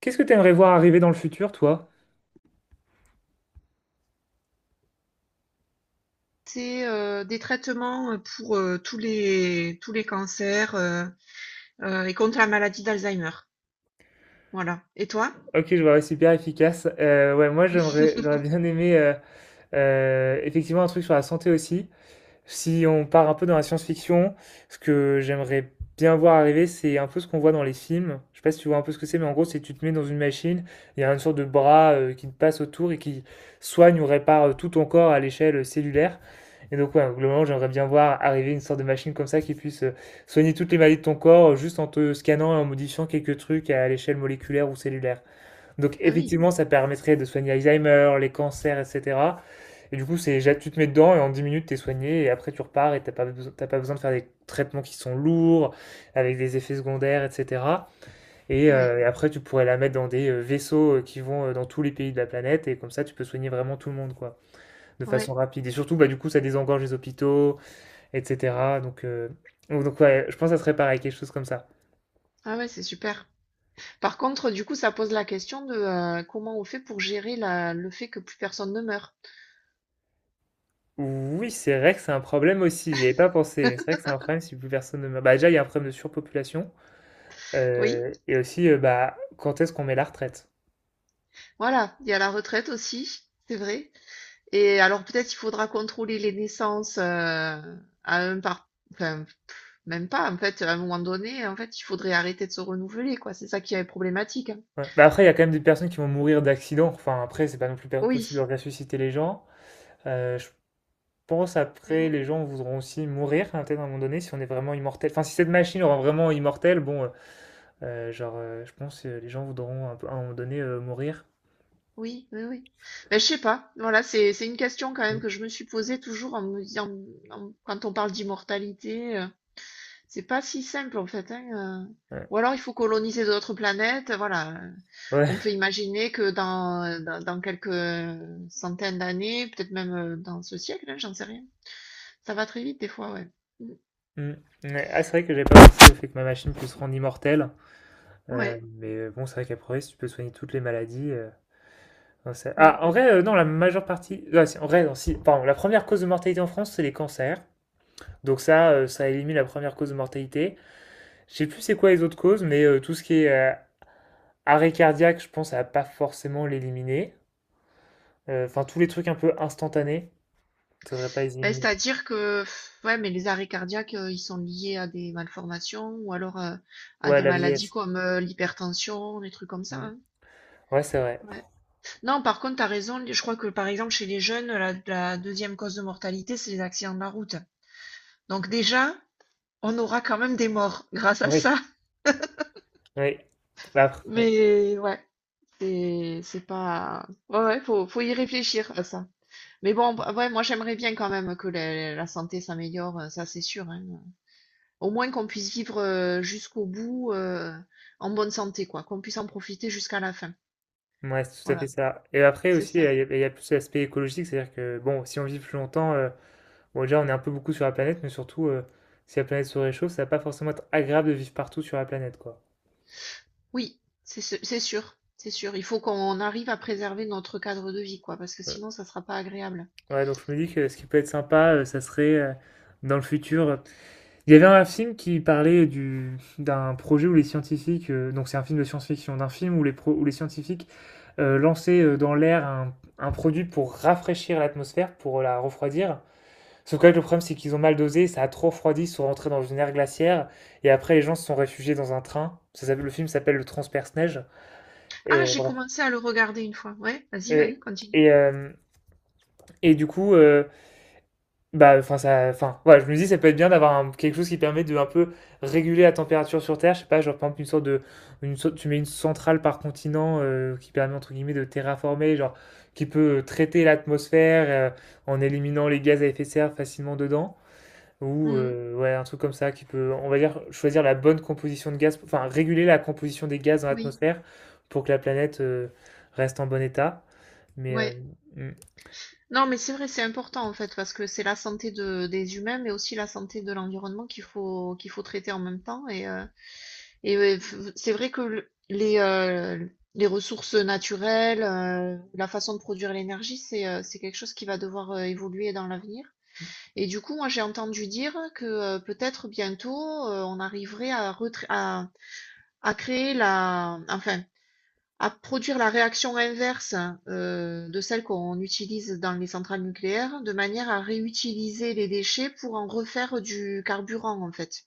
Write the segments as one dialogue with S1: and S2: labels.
S1: Qu'est-ce que tu aimerais voir arriver dans le futur, toi?
S2: C'est, des traitements, pour, tous les cancers, et contre la maladie d'Alzheimer. Voilà, et toi?
S1: Ok, je vois, ouais, super efficace. Ouais, moi, j'aurais bien aimé effectivement un truc sur la santé aussi. Si on part un peu dans la science-fiction, ce que j'aimerais bien voir arriver, c'est un peu ce qu'on voit dans les films. Je sais pas si tu vois un peu ce que c'est, mais en gros, c'est tu te mets dans une machine, il y a une sorte de bras qui te passe autour et qui soigne ou répare tout ton corps à l'échelle cellulaire. Et donc, ouais, globalement, j'aimerais bien voir arriver une sorte de machine comme ça qui puisse soigner toutes les maladies de ton corps juste en te scannant et en modifiant quelques trucs à l'échelle moléculaire ou cellulaire. Donc,
S2: Ah oui,
S1: effectivement, ça permettrait de soigner Alzheimer, les cancers, etc. Et du coup, tu te mets dedans et en 10 minutes, t'es soigné et après, tu repars et t'as pas besoin de faire des traitements qui sont lourds, avec des effets secondaires, etc. Et,
S2: ouais,
S1: euh, et après, tu pourrais la mettre dans des vaisseaux qui vont dans tous les pays de la planète et comme ça, tu peux soigner vraiment tout le monde, quoi, de façon
S2: ouais.
S1: rapide. Et surtout, bah, du coup, ça désengorge les hôpitaux, etc. Donc ouais, je pense que ça serait pareil, quelque chose comme ça.
S2: Ah ouais, c'est super. Par contre, du coup, ça pose la question de, comment on fait pour gérer la le fait que plus personne ne meurt.
S1: Oui, c'est vrai que c'est un problème aussi, j'y avais pas pensé, mais c'est vrai que c'est un problème si plus personne ne meurt. Bah déjà, il y a un problème de surpopulation,
S2: Oui,
S1: et aussi, bah, quand est-ce qu'on met la retraite?
S2: voilà, il y a la retraite aussi, c'est vrai, et alors peut-être il faudra contrôler les naissances, à un par enfin, même pas en fait, à un moment donné, en fait, il faudrait arrêter de se renouveler, quoi. C'est ça qui est problématique, hein.
S1: Ouais. Bah, après, il y a quand même des personnes qui vont mourir d'accident. Enfin, après, c'est pas non plus
S2: Oui,
S1: possible de ressusciter les gens. Je pense
S2: mais
S1: après,
S2: bon,
S1: les gens voudront aussi mourir, hein, peut-être à un moment donné, si on est vraiment immortel. Enfin, si cette machine rend vraiment immortel, bon, genre, je pense que les gens voudront à un moment donné mourir.
S2: oui, oui, oui. Mais je sais pas. Voilà, c'est une question quand même
S1: Mm.
S2: que je me suis posée toujours en me disant, quand on parle d'immortalité, c'est pas si simple en fait, hein.
S1: Ouais.
S2: Ou alors il faut coloniser d'autres planètes. Voilà,
S1: Ouais.
S2: on peut imaginer que dans quelques centaines d'années, peut-être même dans ce siècle, hein, j'en sais rien. Ça va très vite des fois, ouais. Mm,
S1: Mm. Ouais. Ah, c'est vrai que j'avais pas pensé au fait que ma machine puisse rendre immortel.
S2: ouais.
S1: Mais bon, c'est vrai qu'après, si tu peux soigner toutes les maladies, non, ah, en vrai, non, la majeure partie. Ah, si, en vrai, non, si. Pardon, la première cause de mortalité en France, c'est les cancers. Donc ça élimine la première cause de mortalité. Je sais plus c'est quoi les autres causes, mais tout ce qui est arrêt cardiaque, je pense, ça va pas forcément l'éliminer. Enfin, tous les trucs un peu instantanés, ça devrait pas les
S2: Ben,
S1: éliminer.
S2: c'est-à-dire que, pff, ouais, mais les arrêts cardiaques, ils sont liés à des malformations ou alors à
S1: Ouais,
S2: des
S1: la
S2: maladies
S1: vieillesse.
S2: comme l'hypertension, des trucs comme ça,
S1: Mm.
S2: hein.
S1: Ouais, c'est vrai.
S2: Ouais. Non, par contre, t'as raison. Je crois que, par exemple, chez les jeunes, la deuxième cause de mortalité, c'est les accidents de la route. Donc déjà, on aura quand même des morts grâce à
S1: Oui.
S2: ça.
S1: Oui. Bah, après, ouais.
S2: Mais ouais, c'est pas. Ouais, ouais, faut y réfléchir à ça. Mais bon, bah, ouais, moi j'aimerais bien quand même que la santé s'améliore, ça c'est sûr, hein. Au moins qu'on puisse vivre, jusqu'au bout, en bonne santé quoi, qu'on puisse en profiter jusqu'à la fin.
S1: Ouais, c'est tout à fait
S2: Voilà,
S1: ça. Et après
S2: c'est
S1: aussi,
S2: ça.
S1: il y a plus l'aspect écologique, c'est-à-dire que, bon, si on vit plus longtemps, bon, déjà, on est un peu beaucoup sur la planète, mais surtout, si la planète se réchauffe, ça va pas forcément être agréable de vivre partout sur la planète, quoi.
S2: Oui, c'est sûr, c'est sûr. Il faut qu'on arrive à préserver notre cadre de vie quoi, parce que sinon ça sera pas agréable.
S1: Ouais, donc je me dis que ce qui peut être sympa, ça serait dans le futur. Il y avait un film qui parlait du d'un projet où les scientifiques, donc c'est un film de science-fiction, d'un film où les scientifiques lançaient dans l'air un produit pour rafraîchir l'atmosphère, pour la refroidir. Sauf que là, le problème, c'est qu'ils ont mal dosé, ça a trop refroidi, ils sont rentrés dans une ère glaciaire, et après les gens se sont réfugiés dans un train. Le film s'appelle Le Transperce-Neige.
S2: Ah,
S1: Et
S2: j'ai
S1: bref.
S2: commencé à le regarder une fois. Ouais, vas-y,
S1: Et,
S2: ouais, continue.
S1: et, euh, et du coup, bah, enfin, ça, enfin, voilà, je me dis, ça peut être bien d'avoir quelque chose qui permet de un peu réguler la température sur Terre. Je sais pas, genre, par exemple, une sorte de, une sorte- tu mets une centrale par continent qui permet, entre guillemets, de terraformer, genre, qui peut traiter l'atmosphère en éliminant les gaz à effet de serre facilement dedans. Ou,
S2: Mhm.
S1: ouais, un truc comme ça qui peut, on va dire, choisir la bonne composition de gaz, enfin, réguler la composition des gaz dans
S2: Oui,
S1: l'atmosphère pour que la planète reste en bon état. Mais,
S2: ouais.
S1: mm.
S2: Non, mais c'est vrai, c'est important en fait, parce que c'est la santé de des humains, mais aussi la santé de l'environnement qu'il faut traiter en même temps et et ouais, c'est vrai que les ressources naturelles, la façon de produire l'énergie, c'est quelque chose qui va devoir évoluer dans l'avenir. Et du coup, moi, j'ai entendu dire que peut-être bientôt, on arriverait à créer enfin, à produire la réaction inverse, de celle qu'on utilise dans les centrales nucléaires, de manière à réutiliser les déchets pour en refaire du carburant, en fait.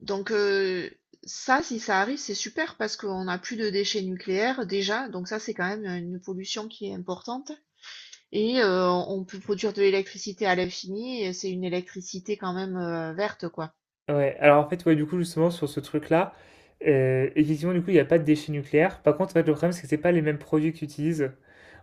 S2: Donc ça, si ça arrive, c'est super parce qu'on n'a plus de déchets nucléaires déjà, donc ça c'est quand même une pollution qui est importante. Et on peut produire de l'électricité à l'infini, et c'est une électricité quand même, verte, quoi.
S1: Ouais, alors en fait, ouais, du coup, justement, sur ce truc-là, effectivement, du coup, il n'y a pas de déchets nucléaires. Par contre, en fait, le problème, c'est que c'est pas les mêmes produits qu'ils utilisent.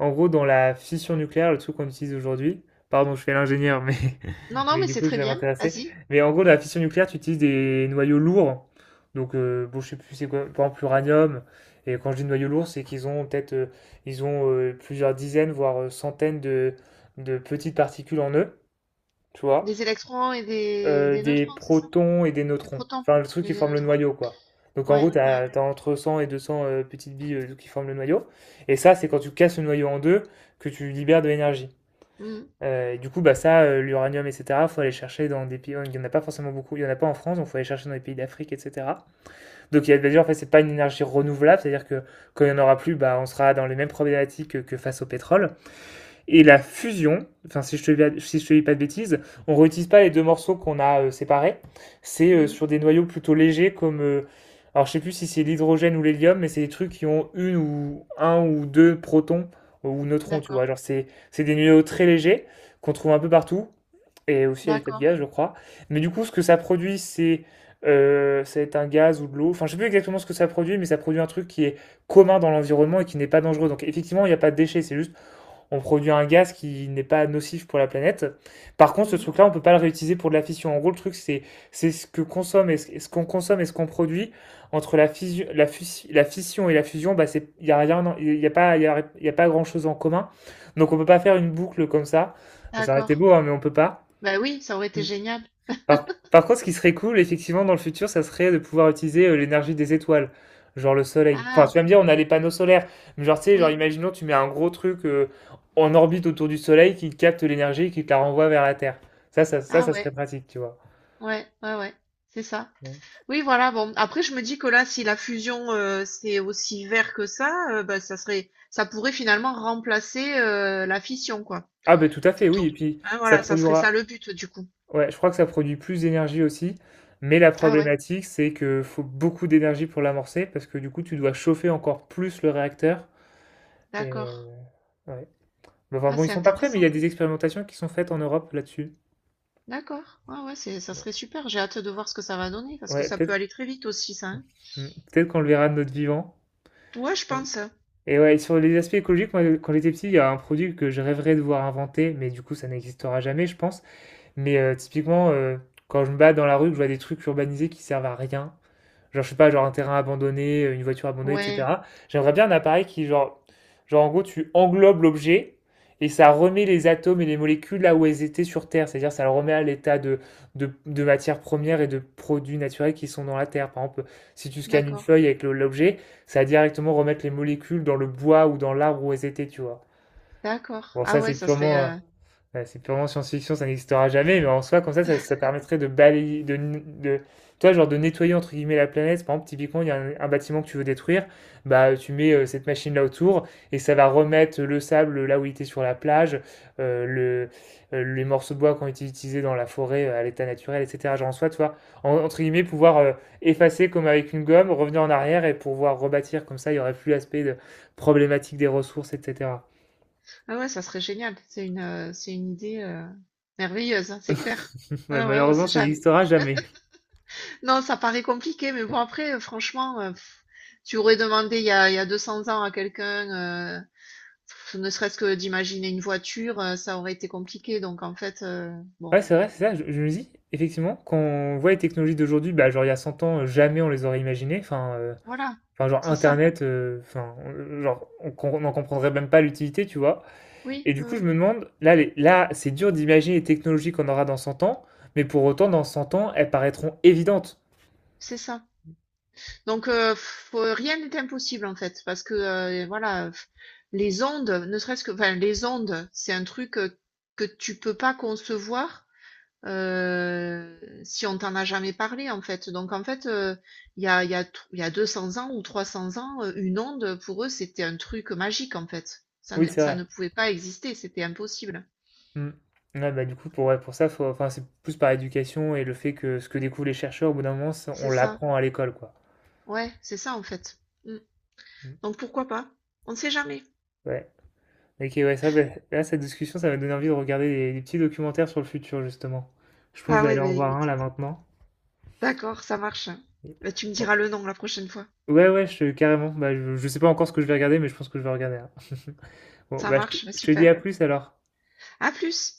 S1: En gros, dans la fission nucléaire, le truc qu'on utilise aujourd'hui, pardon, je fais l'ingénieur, mais,
S2: Non, non,
S1: mais
S2: mais
S1: du
S2: c'est
S1: coup, je
S2: très
S1: vais
S2: bien,
S1: m'intéresser.
S2: vas-y.
S1: Mais en gros, dans la fission nucléaire, tu utilises des noyaux lourds. Donc, bon, je sais plus c'est quoi, par exemple, l'uranium. Et quand je dis noyaux lourds, c'est qu'ils ont peut-être ils ont plusieurs dizaines, voire centaines de, petites particules en eux, tu vois
S2: Des électrons et des, des
S1: des
S2: neutrons, c'est ça?
S1: protons et des
S2: Des
S1: neutrons.
S2: protons
S1: Enfin, le truc
S2: et
S1: qui
S2: des
S1: forme le
S2: neutrons?
S1: noyau, quoi. Donc en gros,
S2: Ouais,
S1: tu
S2: ouais.
S1: as, entre 100 et 200 petites billes qui forment le noyau. Et ça, c'est quand tu casses le noyau en deux que tu libères de l'énergie.
S2: Mhm,
S1: Et du coup, bah, ça, l'uranium, etc., il faut aller chercher dans des pays. Il n'y en a pas forcément beaucoup, il n'y en a pas en France, donc il faut aller chercher dans les pays d'Afrique, etc. Donc il y a bah, déjà, en fait, c'est pas une énergie renouvelable, c'est-à-dire que quand il n'y en aura plus, bah, on sera dans les mêmes problématiques que face au pétrole et la fusion, enfin si te dis pas de bêtises, on ne réutilise pas les deux morceaux qu'on a séparés. C'est
S2: mhm.
S1: sur des noyaux plutôt légers comme alors je ne sais plus si c'est l'hydrogène ou l'hélium, mais c'est des trucs qui ont une ou un ou deux protons ou neutrons, tu
S2: D'accord,
S1: vois. Genre c'est des noyaux très légers qu'on trouve un peu partout et aussi à l'état de
S2: d'accord,
S1: gaz, je crois. Mais du coup, ce que ça produit, c'est ça va être un gaz ou de l'eau. Enfin, je sais plus exactement ce que ça produit, mais ça produit un truc qui est commun dans l'environnement et qui n'est pas dangereux. Donc, effectivement, il n'y a pas de déchets. C'est juste on produit un gaz qui n'est pas nocif pour la planète. Par contre, ce
S2: mhm,
S1: truc-là, on ne peut pas le réutiliser pour de la fission. En gros, le truc, c'est ce que consomme et ce, qu'on consomme et ce qu'on produit entre la fission, la fission et la fusion. Bah, c'est il y a rien, il y a pas, y a pas grand-chose en commun. Donc, on ne peut pas faire une boucle comme ça. Ça aurait été
S2: d'accord.
S1: beau, hein, mais on ne peut pas.
S2: Bah oui, ça aurait été génial.
S1: Par contre, ce qui serait cool, effectivement, dans le futur, ça serait de pouvoir utiliser l'énergie des étoiles, genre le soleil. Enfin,
S2: Ah
S1: tu vas me
S2: ouais,
S1: dire, on a les panneaux solaires, mais genre, tu sais, genre,
S2: oui,
S1: imaginons, tu mets un gros truc en orbite autour du soleil qui capte l'énergie et qui te la renvoie vers la Terre. Ça, ça, ça,
S2: ah
S1: ça
S2: ouais,
S1: serait pratique, tu vois.
S2: ouais, ouais, ouais, c'est ça.
S1: Ouais.
S2: Oui, voilà, bon. Après, je me dis que là, si la fusion, c'est aussi vert que ça, bah, ça serait, ça pourrait finalement remplacer la fission, quoi,
S1: Ah, ben tout à fait, oui,
S2: plutôt.
S1: et puis
S2: Hein,
S1: ça
S2: voilà, ça serait ça
S1: produira,
S2: le but, du coup.
S1: ouais, je crois que ça produit plus d'énergie aussi, mais la
S2: Ah ouais,
S1: problématique, c'est que faut beaucoup d'énergie pour l'amorcer, parce que du coup, tu dois chauffer encore plus le réacteur, et
S2: d'accord.
S1: ouais. Mais enfin
S2: Ah,
S1: bon, ils
S2: c'est
S1: sont pas prêts, mais il y a
S2: intéressant.
S1: des expérimentations qui sont faites en Europe là-dessus.
S2: D'accord. Ah ouais, ça
S1: Bon.
S2: serait super. J'ai hâte de voir ce que ça va donner, parce que
S1: Ouais,
S2: ça peut
S1: peut-être
S2: aller très vite aussi, ça, hein.
S1: mm, peut-être qu'on le verra de notre vivant.
S2: Ouais, je
S1: Mm.
S2: pense.
S1: Et ouais, sur les aspects écologiques, moi, quand j'étais petit, il y a un produit que je rêverais de voir inventer, mais du coup, ça n'existera jamais, je pense. Mais typiquement, quand je me bats dans la rue, que je vois des trucs urbanisés qui servent à rien, genre, je sais pas, genre un terrain abandonné, une voiture abandonnée,
S2: Ouais,
S1: etc. J'aimerais bien un appareil qui, genre en gros, tu englobes l'objet et ça remet les atomes et les molécules là où elles étaient sur Terre. C'est-à-dire, ça le remet à l'état de, de matières premières et de produits naturels qui sont dans la Terre. Par exemple, si tu scannes une
S2: d'accord.
S1: feuille avec l'objet, ça va directement remettre les molécules dans le bois ou dans l'arbre où elles étaient, tu vois.
S2: D'accord.
S1: Bon, ça,
S2: Ah ouais,
S1: c'est
S2: ça serait,
S1: purement, euh, Ouais, c'est purement science-fiction, ça n'existera jamais, mais en soi, comme ça, ça permettrait de balayer, toi, genre de nettoyer entre guillemets la planète. Par exemple, typiquement, il y a un bâtiment que tu veux détruire, bah tu mets cette machine-là autour et ça va remettre le sable là où il était sur la plage, euh, le, les morceaux de bois qui ont été utilisés dans la forêt à l'état naturel, etc. Genre en soi, toi, entre guillemets, pouvoir effacer comme avec une gomme, revenir en arrière et pouvoir rebâtir comme ça, il y aurait plus l'aspect de problématique des ressources, etc.
S2: ah ouais, ça serait génial. C'est une idée, merveilleuse, hein, c'est clair.
S1: Ouais,
S2: Ah ouais, on
S1: malheureusement,
S2: sait
S1: ça
S2: jamais.
S1: n'existera jamais.
S2: Non, ça paraît compliqué, mais bon, après, franchement, pff, tu aurais demandé il y a 200 ans à quelqu'un, pff, ne serait-ce que d'imaginer une voiture, ça aurait été compliqué. Donc, en fait, bon,
S1: Ouais, c'est vrai, c'est ça. Je me dis, effectivement, quand on voit les technologies d'aujourd'hui, bah, genre il y a 100 ans, jamais on les aurait imaginées. Enfin,
S2: voilà,
S1: enfin genre
S2: c'est ça.
S1: Internet, enfin, genre, on n'en comprendrait même pas l'utilité, tu vois.
S2: Oui,
S1: Et du
S2: oui,
S1: coup, je
S2: oui,
S1: me demande, là, là, c'est dur d'imaginer les technologies qu'on aura dans 100 ans, mais pour autant, dans 100 ans, elles paraîtront évidentes.
S2: c'est ça. Donc, pff, rien n'est impossible, en fait, parce que, voilà, pff, les ondes, ne serait-ce que, enfin, les ondes, c'est un truc que tu peux pas concevoir. Si on t'en a jamais parlé, en fait. Donc en fait, il y a 200 ans ou 300 ans, une onde, pour eux, c'était un truc magique, en fait. Ça ne
S1: Oui, c'est
S2: ça
S1: vrai.
S2: ne pouvait pas exister, c'était impossible.
S1: Mm. Ouais, bah, du coup, pour, ouais, pour ça, faut, enfin, c'est plus par éducation et le fait que ce que découvrent les chercheurs, au bout d'un moment, ça, on
S2: C'est ça.
S1: l'apprend à l'école, quoi.
S2: Ouais, c'est ça, en fait. Mmh.
S1: Mm.
S2: Donc pourquoi pas? On ne sait jamais.
S1: Ouais. Ok, ouais, ça, ben, là, cette discussion, ça va donner envie de regarder des petits documentaires sur le futur, justement. Je pense que je
S2: Ah
S1: vais
S2: ouais,
S1: aller
S2: bah,
S1: en voir un
S2: écoute,
S1: là maintenant.
S2: d'accord, ça marche. Bah, tu me
S1: Bon.
S2: diras le nom la prochaine fois.
S1: Ouais, ouais, carrément. Bah, je sais pas encore ce que je vais regarder, mais je pense que je vais regarder un. Bon,
S2: Ça
S1: bah, je te,
S2: marche, bah,
S1: je te dis
S2: super.
S1: à plus alors.
S2: À plus!